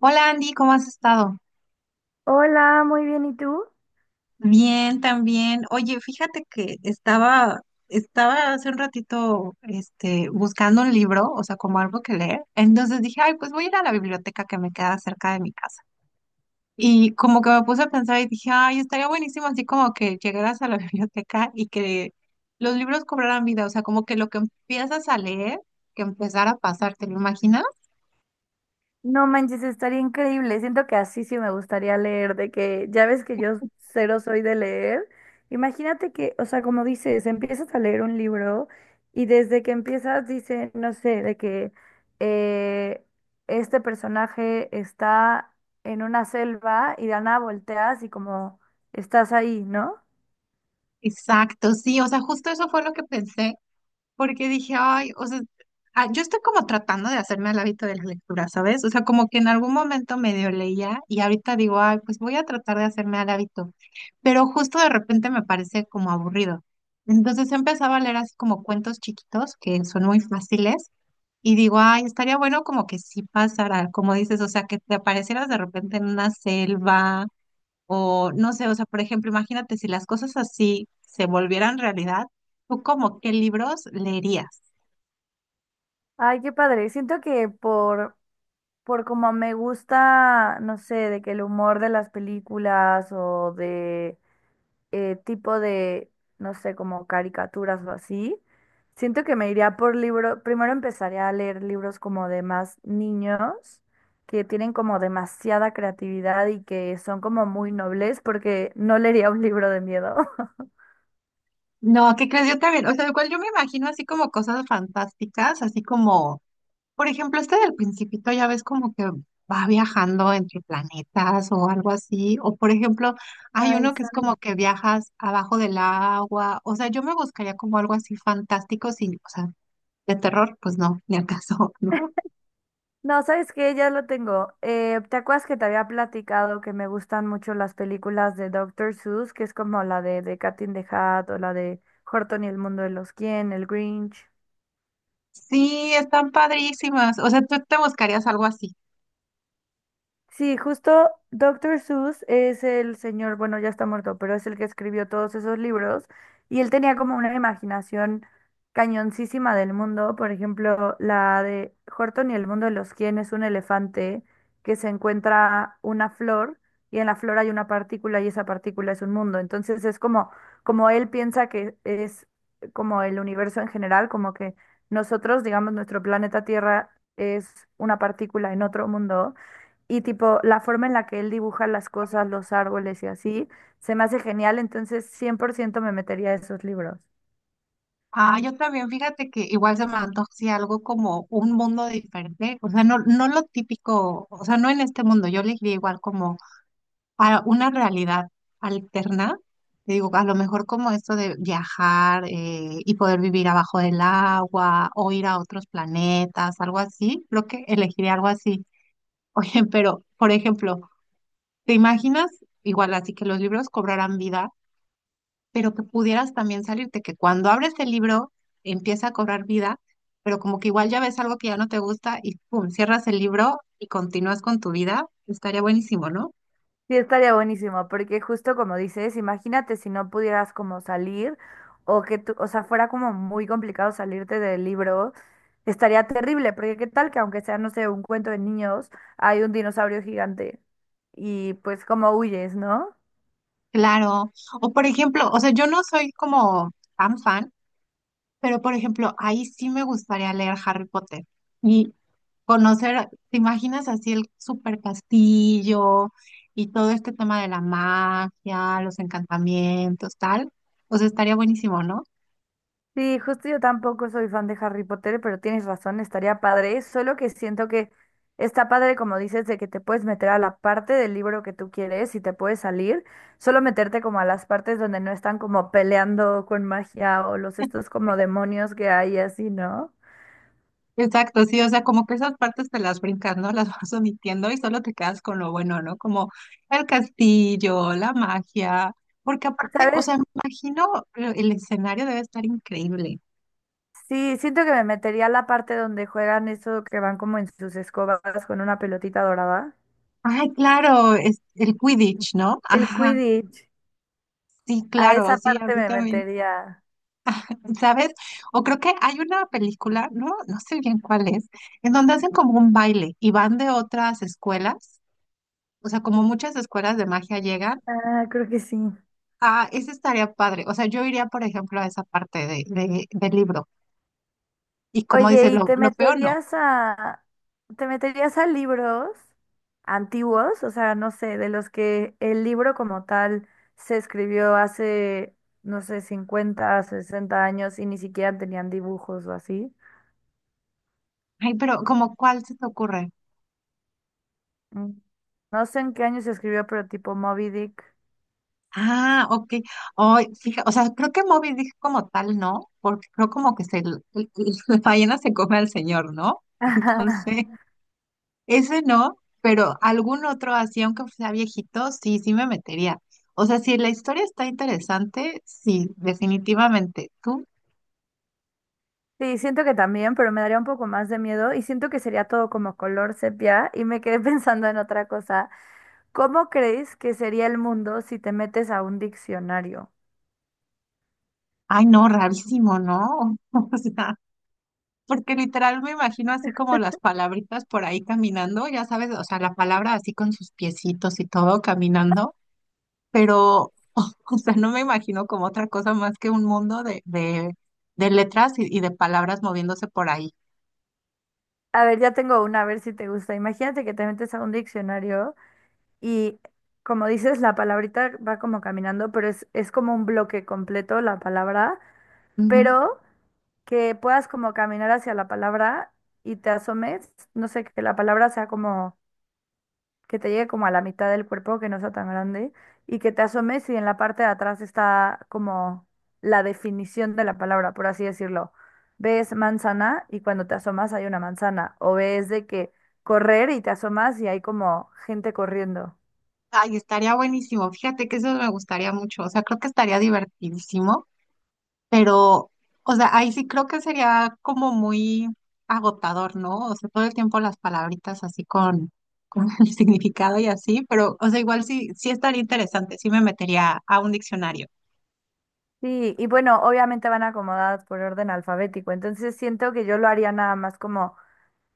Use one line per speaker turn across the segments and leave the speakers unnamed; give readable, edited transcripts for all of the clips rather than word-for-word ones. Hola Andy, ¿cómo has estado?
Hola, muy bien, ¿y tú?
Bien, también. Oye, fíjate que estaba hace un ratito, buscando un libro, o sea, como algo que leer. Entonces dije, ay, pues voy a ir a la biblioteca que me queda cerca de mi casa. Y como que me puse a pensar y dije, ay, estaría buenísimo así como que llegaras a la biblioteca y que los libros cobraran vida, o sea, como que lo que empiezas a leer, que empezara a pasar, ¿te lo imaginas?
No manches, estaría increíble. Siento que así sí me gustaría leer, de que ya ves que yo cero soy de leer. Imagínate que, o sea, como dices, empiezas a leer un libro y desde que empiezas dice, no sé, de que eh, este personaje está en una selva y de la nada volteas y como estás ahí, ¿no?
Exacto, sí, o sea, justo eso fue lo que pensé porque dije, ay, o sea, yo estoy como tratando de hacerme al hábito de la lectura, ¿sabes? O sea, como que en algún momento medio leía y ahorita digo, ay, pues voy a tratar de hacerme al hábito, pero justo de repente me parece como aburrido. Entonces empezaba a leer así como cuentos chiquitos que son muy fáciles y digo, ay, estaría bueno como que sí pasara, como dices, o sea, que te aparecieras de repente en una selva o no sé, o sea, por ejemplo, imagínate si las cosas así se volvieran realidad. ¿Tú como qué libros leerías?
Ay, qué padre. Siento que por como me gusta, no sé, de que el humor de las películas o de tipo de, no sé, como caricaturas o así, siento que me iría por libro, primero empezaría a leer libros como de más niños, que tienen como demasiada creatividad y que son como muy nobles, porque no leería un libro de miedo.
No, ¿qué crees? Yo también, o sea, igual yo me imagino así como cosas fantásticas, así como, por ejemplo, este del Principito ya ves como que va viajando entre planetas o algo así, o por ejemplo, hay
Ay,
uno que
sí.
es como que viajas abajo del agua, o sea, yo me buscaría como algo así fantástico, sin, o sea, de terror, pues no, ni al caso, ¿no?
No, ¿sabes qué? Ya lo tengo. ¿Te acuerdas que te había platicado que me gustan mucho las películas de Doctor Seuss, que es como la de Cat in the Hat o la de Horton y el mundo de los quién, el Grinch?
Sí, están padrísimas, o sea, tú te buscarías algo así.
Sí, justo Doctor Seuss es el señor, bueno, ya está muerto, pero es el que escribió todos esos libros y él tenía como una imaginación cañoncísima del mundo, por ejemplo, la de Horton y el mundo de los quién es un elefante que se encuentra una flor y en la flor hay una partícula y esa partícula es un mundo, entonces es como él piensa que es como el universo en general, como que nosotros, digamos, nuestro planeta Tierra es una partícula en otro mundo y tipo, la forma en la que él dibuja las cosas, los árboles y así, se me hace genial, entonces 100% me metería a esos libros.
Ah, yo también, fíjate que igual se me antoja así algo como un mundo diferente, o sea, no, no lo típico, o sea, no en este mundo, yo le diría igual como a una realidad alterna, te digo, a lo mejor como esto de viajar y poder vivir abajo del agua o ir a otros planetas, algo así, creo que elegiría algo así. Oye, pero, por ejemplo, ¿te imaginas igual así que los libros cobrarán vida? Pero que pudieras también salirte, que cuando abres el libro empieza a cobrar vida, pero como que igual ya ves algo que ya no te gusta y pum, cierras el libro y continúas con tu vida, estaría buenísimo, ¿no?
Sí, estaría buenísimo, porque justo como dices, imagínate si no pudieras como salir o que tú, o sea, fuera como muy complicado salirte del libro, estaría terrible, porque qué tal que aunque sea, no sé, un cuento de niños, hay un dinosaurio gigante y pues como huyes, ¿no?
Claro. O por ejemplo, o sea, yo no soy como tan fan, pero por ejemplo, ahí sí me gustaría leer Harry Potter y conocer, ¿te imaginas así el super castillo y todo este tema de la magia, los encantamientos, tal? O sea, estaría buenísimo, ¿no?
Sí, justo yo tampoco soy fan de Harry Potter, pero tienes razón, estaría padre. Solo que siento que está padre, como dices, de que te puedes meter a la parte del libro que tú quieres y te puedes salir. Solo meterte como a las partes donde no están como peleando con magia o los estos como demonios que hay y así, ¿no?
Exacto, sí, o sea, como que esas partes te las brincas, ¿no? Las vas omitiendo y solo te quedas con lo bueno, ¿no? Como el castillo, la magia, porque aparte, o
¿Sabes?
sea, me imagino el escenario debe estar increíble.
Sí, siento que me metería a la parte donde juegan eso que van como en sus escobas con una pelotita dorada.
Ay, claro, es el Quidditch, ¿no?
El
Ajá,
Quidditch.
sí,
A
claro,
esa
sí, a
parte
mí
me
también,
metería.
¿sabes? O creo que hay una película, no sé bien cuál es, en donde hacen como un baile y van de otras escuelas, o sea, como muchas escuelas de magia llegan.
Ah, creo que sí.
Ah, esa estaría padre. O sea, yo iría, por ejemplo, a esa parte del libro. Y como dice,
Oye,
lo peor no.
¿te meterías a libros antiguos? O sea, no sé, de los que el libro como tal se escribió hace, no sé, 50, 60 años y ni siquiera tenían dibujos o así.
Ay, ¿pero como cuál se te ocurre?
Mm. No sé en qué año se escribió, pero tipo Moby Dick.
Ah, ok. Ay, fija, o sea, creo que Moby dijo como tal, ¿no? Porque creo como que la ballena se come al señor, ¿no?
Ajá.
Entonces, ese no, pero algún otro así, aunque sea viejito, sí me metería. O sea, si la historia está interesante, sí, definitivamente. Tú,
Sí, siento que también, pero me daría un poco más de miedo y siento que sería todo como color sepia y me quedé pensando en otra cosa. ¿Cómo crees que sería el mundo si te metes a un diccionario?
ay, no, rarísimo, ¿no? O sea. Porque literal me imagino así como las palabritas por ahí caminando, ya sabes, o sea, la palabra así con sus piecitos y todo caminando, pero, o sea, no me imagino como otra cosa más que un mundo de letras y de palabras moviéndose por ahí.
A ver, ya tengo una, a ver si te gusta. Imagínate que te metes a un diccionario y, como dices, la palabrita va como caminando, pero es como un bloque completo la palabra,
Ujú.
pero que puedas como caminar hacia la palabra y te asomes, no sé, que la palabra sea como que te llegue como a la mitad del cuerpo, que no sea tan grande, y que te asomes y en la parte de atrás está como la definición de la palabra, por así decirlo. Ves manzana y cuando te asomas hay una manzana, o ves de que correr y te asomas y hay como gente corriendo.
Ay, estaría buenísimo, fíjate que eso me gustaría mucho, o sea, creo que estaría divertidísimo. Pero, o sea, ahí sí creo que sería como muy agotador, ¿no? O sea, todo el tiempo las palabritas así con el significado y así, pero, o sea, igual sí, sí estaría interesante, sí me metería a un diccionario.
Sí, y bueno, obviamente van acomodadas por orden alfabético, entonces siento que yo lo haría nada más como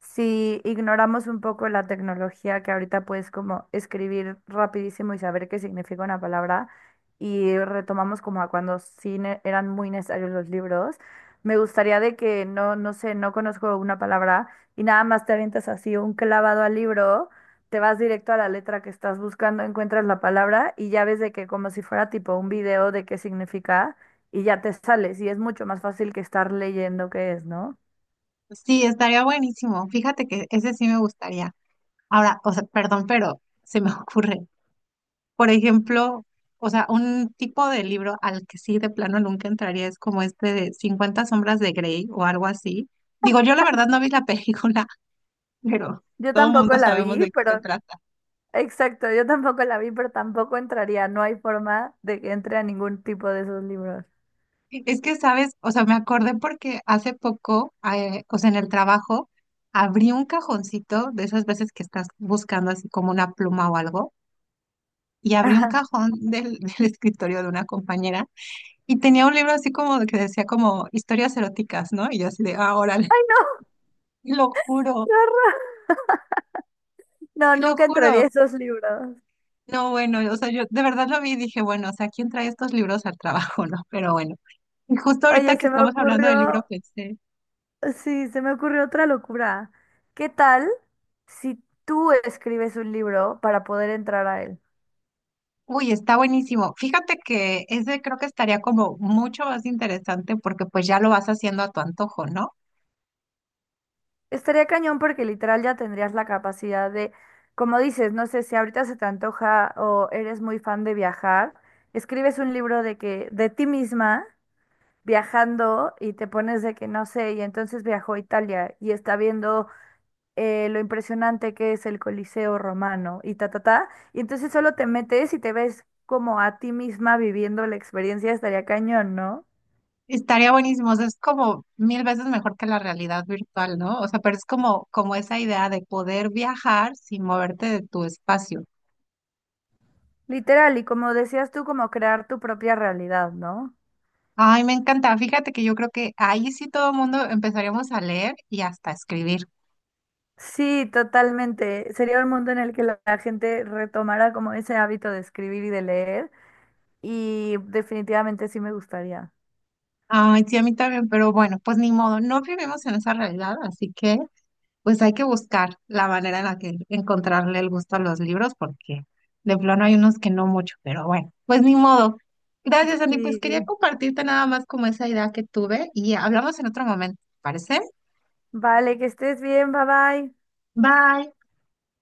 si ignoramos un poco la tecnología que ahorita puedes como escribir rapidísimo y saber qué significa una palabra y retomamos como a cuando eran muy necesarios los libros, me gustaría de que no, no sé, no conozco una palabra y nada más te avientas así un clavado al libro, te vas directo a la letra que estás buscando, encuentras la palabra y ya ves de que como si fuera tipo un video de qué significa. Y ya te sales, y es mucho más fácil que estar leyendo qué es, ¿no?
Sí, estaría buenísimo. Fíjate que ese sí me gustaría. Ahora, o sea, perdón, pero se me ocurre. Por ejemplo, o sea, un tipo de libro al que sí de plano nunca entraría es como este de cincuenta sombras de Grey o algo así. Digo, yo la verdad no vi la película, pero
Yo
todo el
tampoco
mundo
la
sabemos
vi,
de qué
pero
se trata.
exacto, yo tampoco la vi, pero tampoco entraría. No hay forma de que entre a ningún tipo de esos libros.
Es que, ¿sabes? O sea, me acordé porque hace poco, o sea, en el trabajo, abrí un cajoncito de esas veces que estás buscando así como una pluma o algo, y abrí un
Ajá.
cajón del escritorio de una compañera y tenía un libro así como de que decía como historias eróticas, ¿no? Y yo así de, ah, órale,
¡Ay, no!
te lo
¡Qué
juro,
horror! No,
te lo
nunca entraría
juro.
a esos libros.
No, bueno, o sea, yo de verdad lo vi y dije, bueno, o sea, ¿quién trae estos libros al trabajo, no? Pero bueno. Y justo
Oye, y
ahorita que
se me
estamos hablando del libro,
ocurrió,
pensé,
sí, se me ocurrió otra locura. ¿Qué tal si tú escribes un libro para poder entrar a él?
uy, está buenísimo. Fíjate que ese creo que estaría como mucho más interesante porque pues ya lo vas haciendo a tu antojo, ¿no?
Estaría cañón porque literal ya tendrías la capacidad de, como dices, no sé si ahorita se te antoja o eres muy fan de viajar, escribes un libro de que de ti misma viajando y te pones de que no sé, y entonces viajó a Italia y está viendo lo impresionante que es el Coliseo romano y ta, ta, ta, y entonces solo te metes y te ves como a ti misma viviendo la experiencia, estaría cañón, ¿no?
Estaría buenísimo. O sea, es como mil veces mejor que la realidad virtual, ¿no? O sea, pero es como, como esa idea de poder viajar sin moverte de tu espacio.
Literal, y como decías tú, como crear tu propia realidad, ¿no?
Ay, me encanta. Fíjate que yo creo que ahí sí todo el mundo empezaríamos a leer y hasta a escribir.
Sí, totalmente. Sería un mundo en el que la gente retomara como ese hábito de escribir y de leer, y definitivamente sí me gustaría.
Ay, sí, a mí también, pero bueno, pues ni modo, no vivimos en esa realidad, así que pues hay que buscar la manera en la que encontrarle el gusto a los libros, porque de plano hay unos que no mucho, pero bueno, pues ni modo. Gracias, Andy. Pues quería
Sí.
compartirte nada más como esa idea que tuve y hablamos en otro momento, ¿te parece?
Vale, que estés bien, bye bye.
Bye.